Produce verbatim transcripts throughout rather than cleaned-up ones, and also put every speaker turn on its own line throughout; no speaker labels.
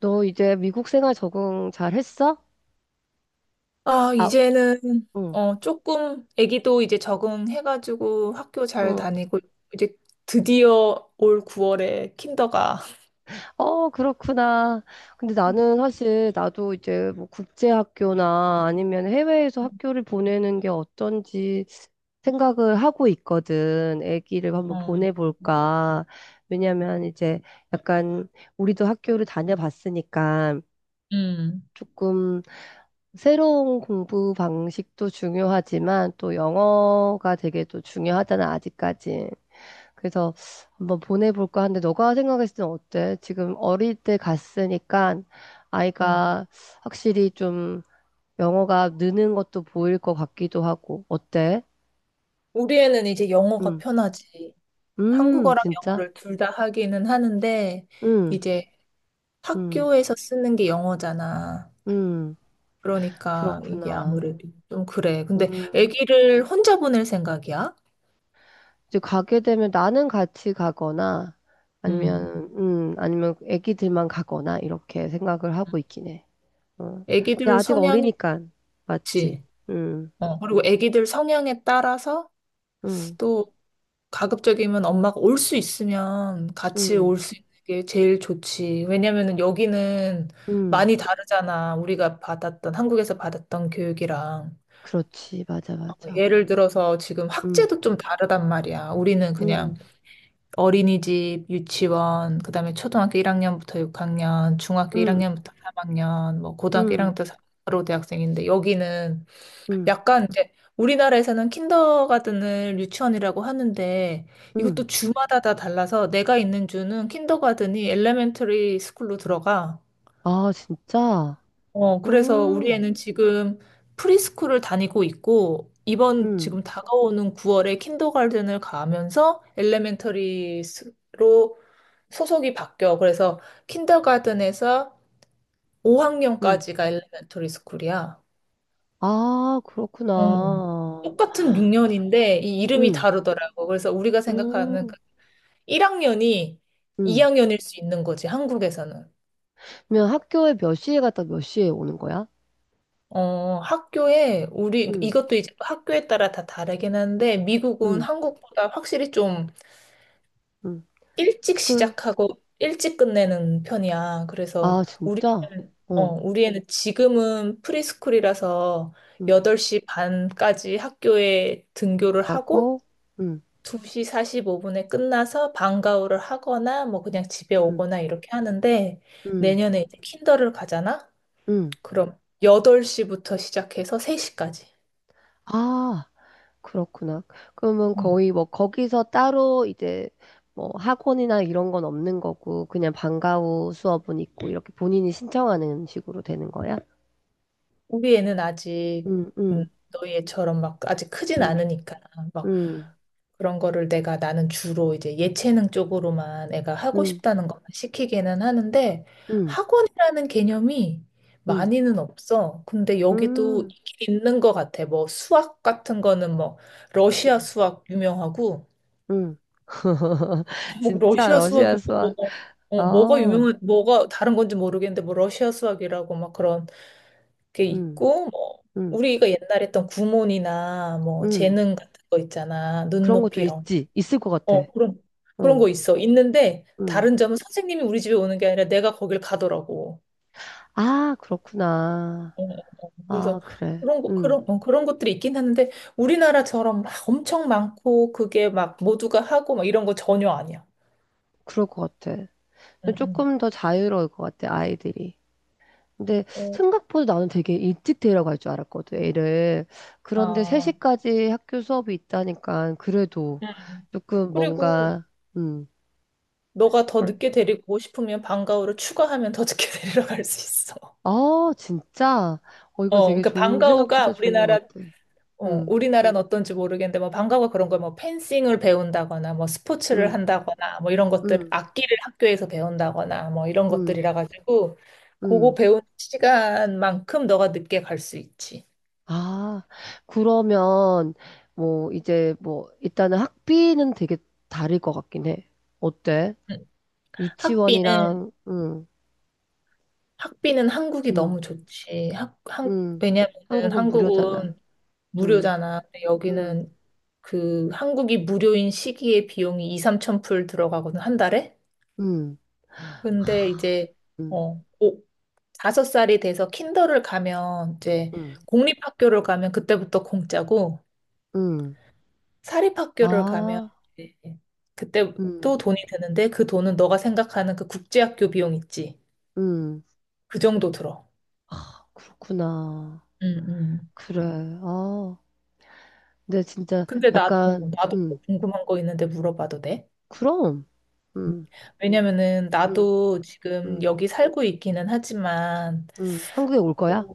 너 이제 미국 생활 적응 잘 했어?
아,
아,
이제는,
응,
어, 조금, 아기도 이제 적응해가지고 학교 잘
응.
다니고, 이제 드디어 올 구월에 킨더가.
어, 그렇구나. 근데 나는 사실 나도 이제 뭐 국제학교나 아니면 해외에서
음,
학교를 보내는 게 어떤지 생각을 하고 있거든. 아기를 한번
어,
보내볼까. 왜냐면 이제 약간 우리도 학교를 다녀봤으니까
음,
조금 새로운 공부 방식도 중요하지만 또 영어가 되게 또 중요하잖아, 아직까지. 그래서 한번 보내볼까 하는데 너가 생각했을 땐 어때? 지금 어릴 때 갔으니까
어.
아이가 확실히 좀 영어가 느는 것도 보일 것 같기도 하고 어때?
우리 애는 이제 영어가
음,
편하지.
음,
한국어랑
진짜?
영어를 둘 다 하기는 하는데,
음,
이제
음,
학교에서 쓰는 게 영어잖아.
음,
그러니까 이게
그렇구나.
아무래도 좀 그래. 근데
음,
아기를 혼자 보낼 생각이야?
이제 가게 되면 나는 같이 가거나
음.
아니면 음, 아니면 애기들만 가거나 이렇게 생각을 하고 있긴 해. 어. 근데
아기들
아직
성향이
어리니까 맞지?
있지.
음,
어, 그리고 아기들 성향에 따라서
음.
또 가급적이면 엄마가 올 수 있으면 같이
음.
올 수 있는 게 제일 좋지. 왜냐면은 여기는
음,
많이 다르잖아. 우리가 받았던, 한국에서 받았던 교육이랑.
그렇지. 맞아,
어,
맞아.
예를 들어서 지금
음,
학제도 좀 다르단 말이야. 우리는 그냥
음,
어린이집, 유치원, 그다음에 초등학교 일 학년부터 육 학년, 중학교
음,
일 학년부터 삼 학년, 뭐 고등학교
음,
일 학년부터 바로 대학생인데, 여기는
음,
약간 이제 우리나라에서는 킨더가든을 유치원이라고 하는데
음.
이것도 주마다 다 달라서 내가 있는 주는 킨더가든이 엘레멘터리 스쿨로 들어가.
아, 진짜?
어, 그래서 우리
음,
애는 지금 프리스쿨을 다니고 있고 이번
음,
지금 다가오는 구월에 킨더가든을 가면서 엘레멘터리로 소속이 바뀌어. 그래서 킨더가든에서
음.
오 학년까지가 엘레멘터리 스쿨이야.
아,
어.
그렇구나.
똑같은 육 년인데 이 이름이
음,
다르더라고. 그래서 우리가 생각하는
음,
그 일 학년이
음.
이 학년일 수 있는 거지, 한국에서는.
그러면 학교에 몇 시에 갔다 몇 시에 오는 거야?
어, 학교에 우리
음,
이것도 이제 학교에 따라 다 다르긴 한데, 미국은
음,
한국보다 확실히 좀
음.
일찍
스쿨.
시작하고 일찍 끝내는 편이야.
아,
그래서 우리는
진짜?
어,
어,
우리 애는 지금은 프리스쿨이라서
음.
여덟 시 반까지 학교에 등교를 하고
가고, 음,
두 시 사십오 분에 끝나서 방과후를 하거나 뭐 그냥 집에
음,
오거나 이렇게 하는데,
음,
내년에 이제 킨더를 가잖아?
음.
그럼 여덟 시부터 시작해서 세 시까지.
아. 그렇구나. 그러면 거의 뭐 거기서 따로 이제 뭐 학원이나 이런 건 없는 거고 그냥 방과 후 수업은 있고 이렇게 본인이 신청하는 식으로 되는 거야?
우리 애는 아직
응,
음,
응,
너희 애처럼 막 아직 크진
응,
않으니까 막
응,
그런 거를 내가 나는 주로 이제 예체능 쪽으로만 애가 하고
응,
싶다는 것만 시키기는 하는데,
응,
학원이라는 개념이
응,
많이는 없어. 근데 여기도
응,
있는 것 같아. 뭐 수학 같은 거는 뭐 러시아 수학 유명하고
응.
뭐
진짜
러시아
러시아
수학이
수학.
뭐, 뭐, 어, 뭐가
아,
유명한 뭐가 다른 건지 모르겠는데 뭐 러시아 수학이라고 막 그런 게
응,
있고, 뭐
응,
우리가 옛날에 했던 구몬이나 뭐
응.
재능 같은 거 있잖아.
그런 것도
눈높이 이런.
있지. 있을 것 같아.
어, 그런, 그런
응,
거 있어. 있는데,
응.
다른 점은 선생님이 우리 집에 오는 게 아니라 내가 거길 가더라고.
아, 그렇구나.
어, 어, 어.
아,
그래서
그래.
그런 거,
응,
그런, 어, 그런 것들이 있긴 하는데, 우리나라처럼 막 엄청 많고, 그게 막 모두가 하고, 막 이런 거 전혀 아니야.
그럴 것 같아.
응, 응.
조금 더 자유로울 것 같아, 아이들이. 근데
어,
생각보다 나는 되게 일찍 데리러 갈 줄 알았거든, 애를. 그런데
아,
세 시까지 학교 수업이 있다니까, 그래도
응.
조금
그리고
뭔가, 음,
너가 더
불-
늦게 데리고 오고 싶으면 방과후를 추가하면 더 늦게 데리러 갈 수 있어.
아, 진짜? 어, 이거
어,
되게
그러니까
좋은,
방과후가
생각보다 좋은
우리나라,
것 같아.
어,
음,
우리나라는 어떤지 모르겠는데 뭐 방과후 그런 걸 뭐 펜싱을 배운다거나 뭐 스포츠를
음,
한다거나 뭐 이런 것들,
음,
악기를 학교에서 배운다거나 뭐 이런
음,
것들이라 가지고 그거
음.
배운 시간만큼 너가 늦게 갈 수 있지.
아, 그러면, 뭐, 이제 뭐, 일단은 학비는 되게 다를 것 같긴 해. 어때?
응. 학비는.
유치원이랑, 응,
학비는 한국이
응.
너무 좋지. 학, 한,
음.
왜냐면은
한국은 무료잖아.
한국은
음.
무료잖아. 근데
음.
여기는 그 한국이 무료인 시기에 비용이 이, 삼천 불 들어가거든, 한 달에.
음.
근데 이제
음.
어, 오- 다섯 살이 돼서 킨더를 가면 이제
음.
공립학교를 가면 그때부터 공짜고,
음.
사립학교를 가면
아.
이제 그때
음.
또 돈이 드는데, 그 돈은 너가 생각하는 그 국제학교 비용 있지.
음.
그 정도 들어.
그렇구나.
음, 음.
그래. 아. 근데 진짜
근데 나도,
약간
나도
음.
또 궁금한 거 있는데 물어봐도 돼?
그럼. 음.
왜냐면은
음.
나도 지금
음.
여기 살고 있기는 하지만
음. 한국에 올
어,
거야?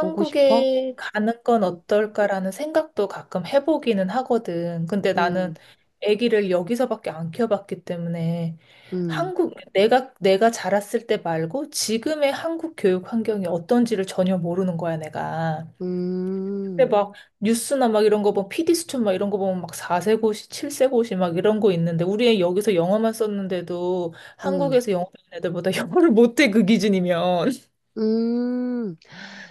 오고 싶어?
가는 건
음.
어떨까라는 생각도 가끔 해보기는 하거든. 근데 나는
음.
아기를 여기서밖에 안 키워봤기 때문에
음.
한국, 내가, 내가 자랐을 때 말고 지금의 한국 교육 환경이 어떤지를 전혀 모르는 거야, 내가. 근데
음.
막 뉴스나 막 이런 거 보면 피디 수첩 막 이런 거 보면 막 사 세 고시, 칠 세 고시 막 이런 거 있는데, 우리 애 여기서 영어만 썼는데도
음.
한국에서 영어 배운 애들보다 영어를 못해, 그 기준이면.
음.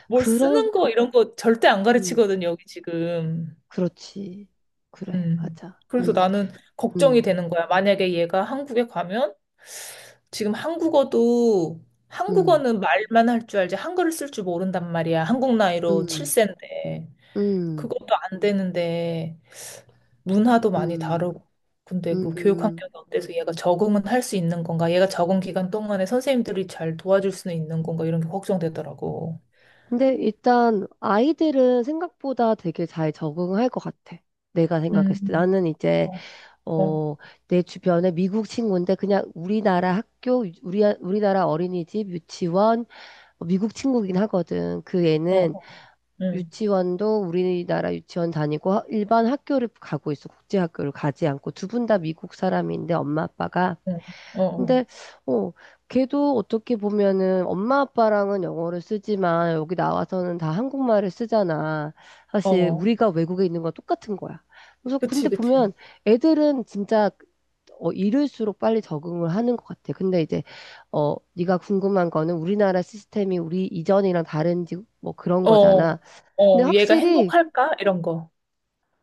뭘
그런
쓰는 거 이런 거 절대 안
음.
가르치거든요, 여기 지금.
그렇지. 그래.
음.
맞아.
그래서
음.
나는 걱정이
음.
되는 거야. 만약에 얘가 한국에 가면 지금 한국어도.
음.
한국어는 말만 할 줄 알지 한글을 쓸 줄 모른단 말이야. 한국 나이로
음.
칠 세인데.
음.
그것도 안 되는데 문화도 많이
음,
다르고. 근데 그 교육
음.
환경이 어때서 얘가 적응은 할 수 있는 건가? 얘가 적응 기간 동안에 선생님들이 잘 도와줄 수는 있는 건가? 이런 게 걱정되더라고.
근데 일단 아이들은 생각보다 되게 잘 적응할 것 같아. 내가 생각했을 때.
음.
나는 이제,
어, 어,
어, 내 주변에 미국 친구인데 그냥 우리나라 학교, 우리, 우리나라 어린이집, 유치원, 어, 미국 친구긴 하거든. 그
어,
애는
어. 음.
유치원도 우리나라 유치원 다니고 하- 일반 학교를 가고 있어. 국제학교를 가지 않고 두 분 다 미국 사람인데 엄마 아빠가.
응. 어,
근데 어, 걔도 어떻게 보면은 엄마 아빠랑은 영어를 쓰지만 여기 나와서는 다 한국말을 쓰잖아.
어,
사실
어.
우리가 외국에 있는 건 똑같은 거야. 그래서
그치,
근데
그치.
보면 애들은 진짜 어, 이를수록 빨리 적응을 하는 것 같아. 근데 이제 어, 네가 궁금한 거는 우리나라 시스템이 우리 이전이랑 다른지 뭐 그런
어, 어,
거잖아. 근데
어. 얘가
확실히
행복할까? 이런 거.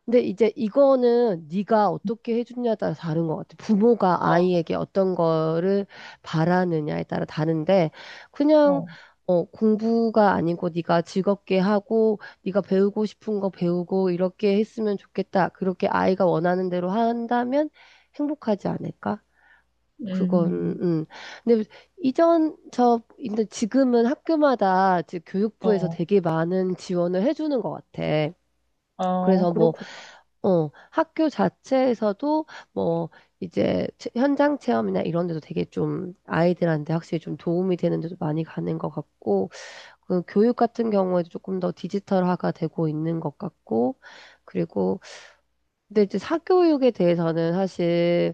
근데 이제 이거는 네가 어떻게 해주냐에 따라 다른 것 같아. 부모가
어,
아이에게 어떤 거를 바라느냐에 따라 다른데 그냥
어,
어, 공부가 아니고 네가 즐겁게 하고 네가 배우고 싶은 거 배우고 이렇게 했으면 좋겠다. 그렇게 아이가 원하는 대로 한다면 행복하지 않을까? 그건
음,
음. 근데 이전 저 근데 지금은 학교마다 지- 교육부에서
어,
되게 많은 지원을 해주는 것 같아.
어,
그래서 뭐
그렇구나.
어, 학교 자체에서도 뭐 이제 체- 현장 체험이나 이런 데도 되게 좀 아이들한테 확실히 좀 도움이 되는 데도 많이 가는 것 같고, 그 교육 같은 경우에도 조금 더 디지털화가 되고 있는 것 같고, 그리고 근데 이제 사교육에 대해서는 사실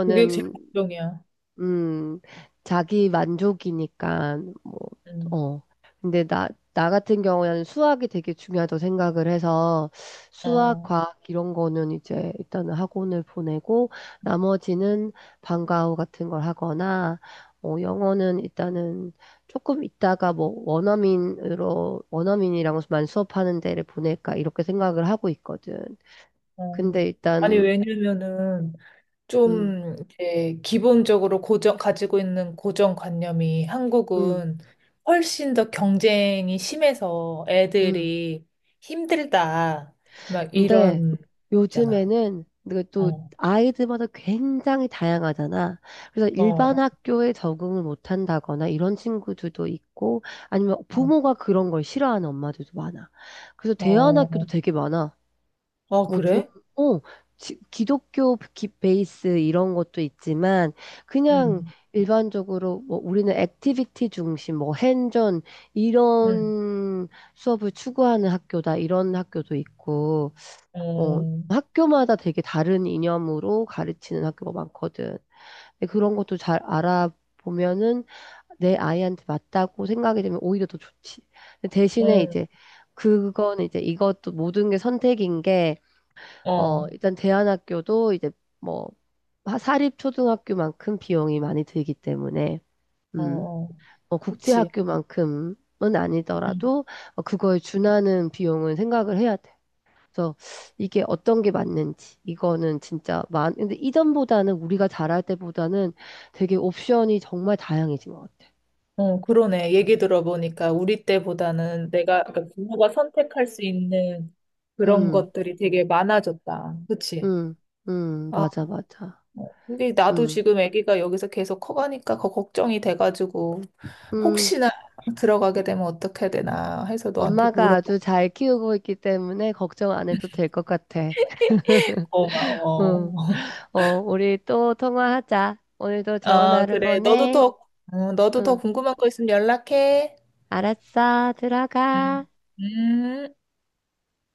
그게 제일 걱정이야.
음, 자기 만족이니까, 뭐,
음,
어. 근데 나, 나 같은 경우에는 수학이 되게 중요하다고 생각을 해서 수학,
어,
과학 이런 거는 이제 일단은 학원을 보내고 나머지는 방과 후 같은 걸 하거나 어, 영어는 일단은 조금 있다가 뭐 원어민으로, 원어민이랑만 수업하는 데를 보낼까 이렇게 생각을 하고 있거든.
어.
근데
아니,
일단,
왜냐면은,
음,
좀, 이제, 기본적으로 고정, 가지고 있는 고정관념이
음,
한국은 훨씬 더 경쟁이 심해서
음.
애들이 힘들다. 막
근데
이런, 있잖아.
요즘에는 이게 또
어,
아이들마다 굉장히 다양하잖아. 그래서 일반
어,
학교에 적응을 못 한다거나 이런 친구들도 있고 아니면
어.
부모가 그런 걸 싫어하는 엄마들도 많아. 그래서
어,
대안학교도 되게 많아.
아,
뭐 좀,
그래?
어, 지- 기독교 기- 베이스 이런 것도 있지만 그냥
응,
일반적으로 뭐 우리는 액티비티 중심, 뭐 핸전
응,
이런 수업을 추구하는 학교다 이런 학교도 있고 어,
어,
학교마다 되게 다른 이념으로 가르치는 학교가 많거든. 근데 그런 것도 잘 알아보면은 내 아이한테 맞다고 생각이 되면 오히려 더 좋지. 근데 대신에
응,
이제 그건 이제 이것도 모든 게 선택인 게, 어,
어,
일단 대안학교도 이제 뭐 하- 사립 초등학교만큼 비용이 많이 들기 때문에,
어,
음,
어.
뭐
그치.
국제학교만큼은 아니더라도 어, 그거에 준하는 비용은 생각을 해야 돼. 그래서 이게 어떤 게 맞는지 이거는 진짜 많 근데 이전보다는 우리가 잘할 때보다는 되게 옵션이 정말 다양해진 것 같아.
어, 그러네. 얘기 들어보니까 우리 때보다는 내가, 그러니까 부모가 선택할 수 있는 그런
음,
것들이 되게 많아졌다. 그치?
음, 음,
아,
맞아, 맞아.
어, 이게 나도
음,
지금 아기가 여기서 계속 커가니까 거- 걱정이 돼가지고
음,
혹시나 들어가게 되면 어떻게 되나 해서 너한테
엄마가
물어봐.
아주 잘 키우고 있기 때문에 걱정 안 해도 될 것 같아.
고마워.
응, 어, 우리 또 통화하자. 오늘도 좋은
어,
하루
그래. 너도
보내.
더, 어, 너도 더
응,
궁금한 거 있으면 연락해.
알았어, 들어가.
음. 음.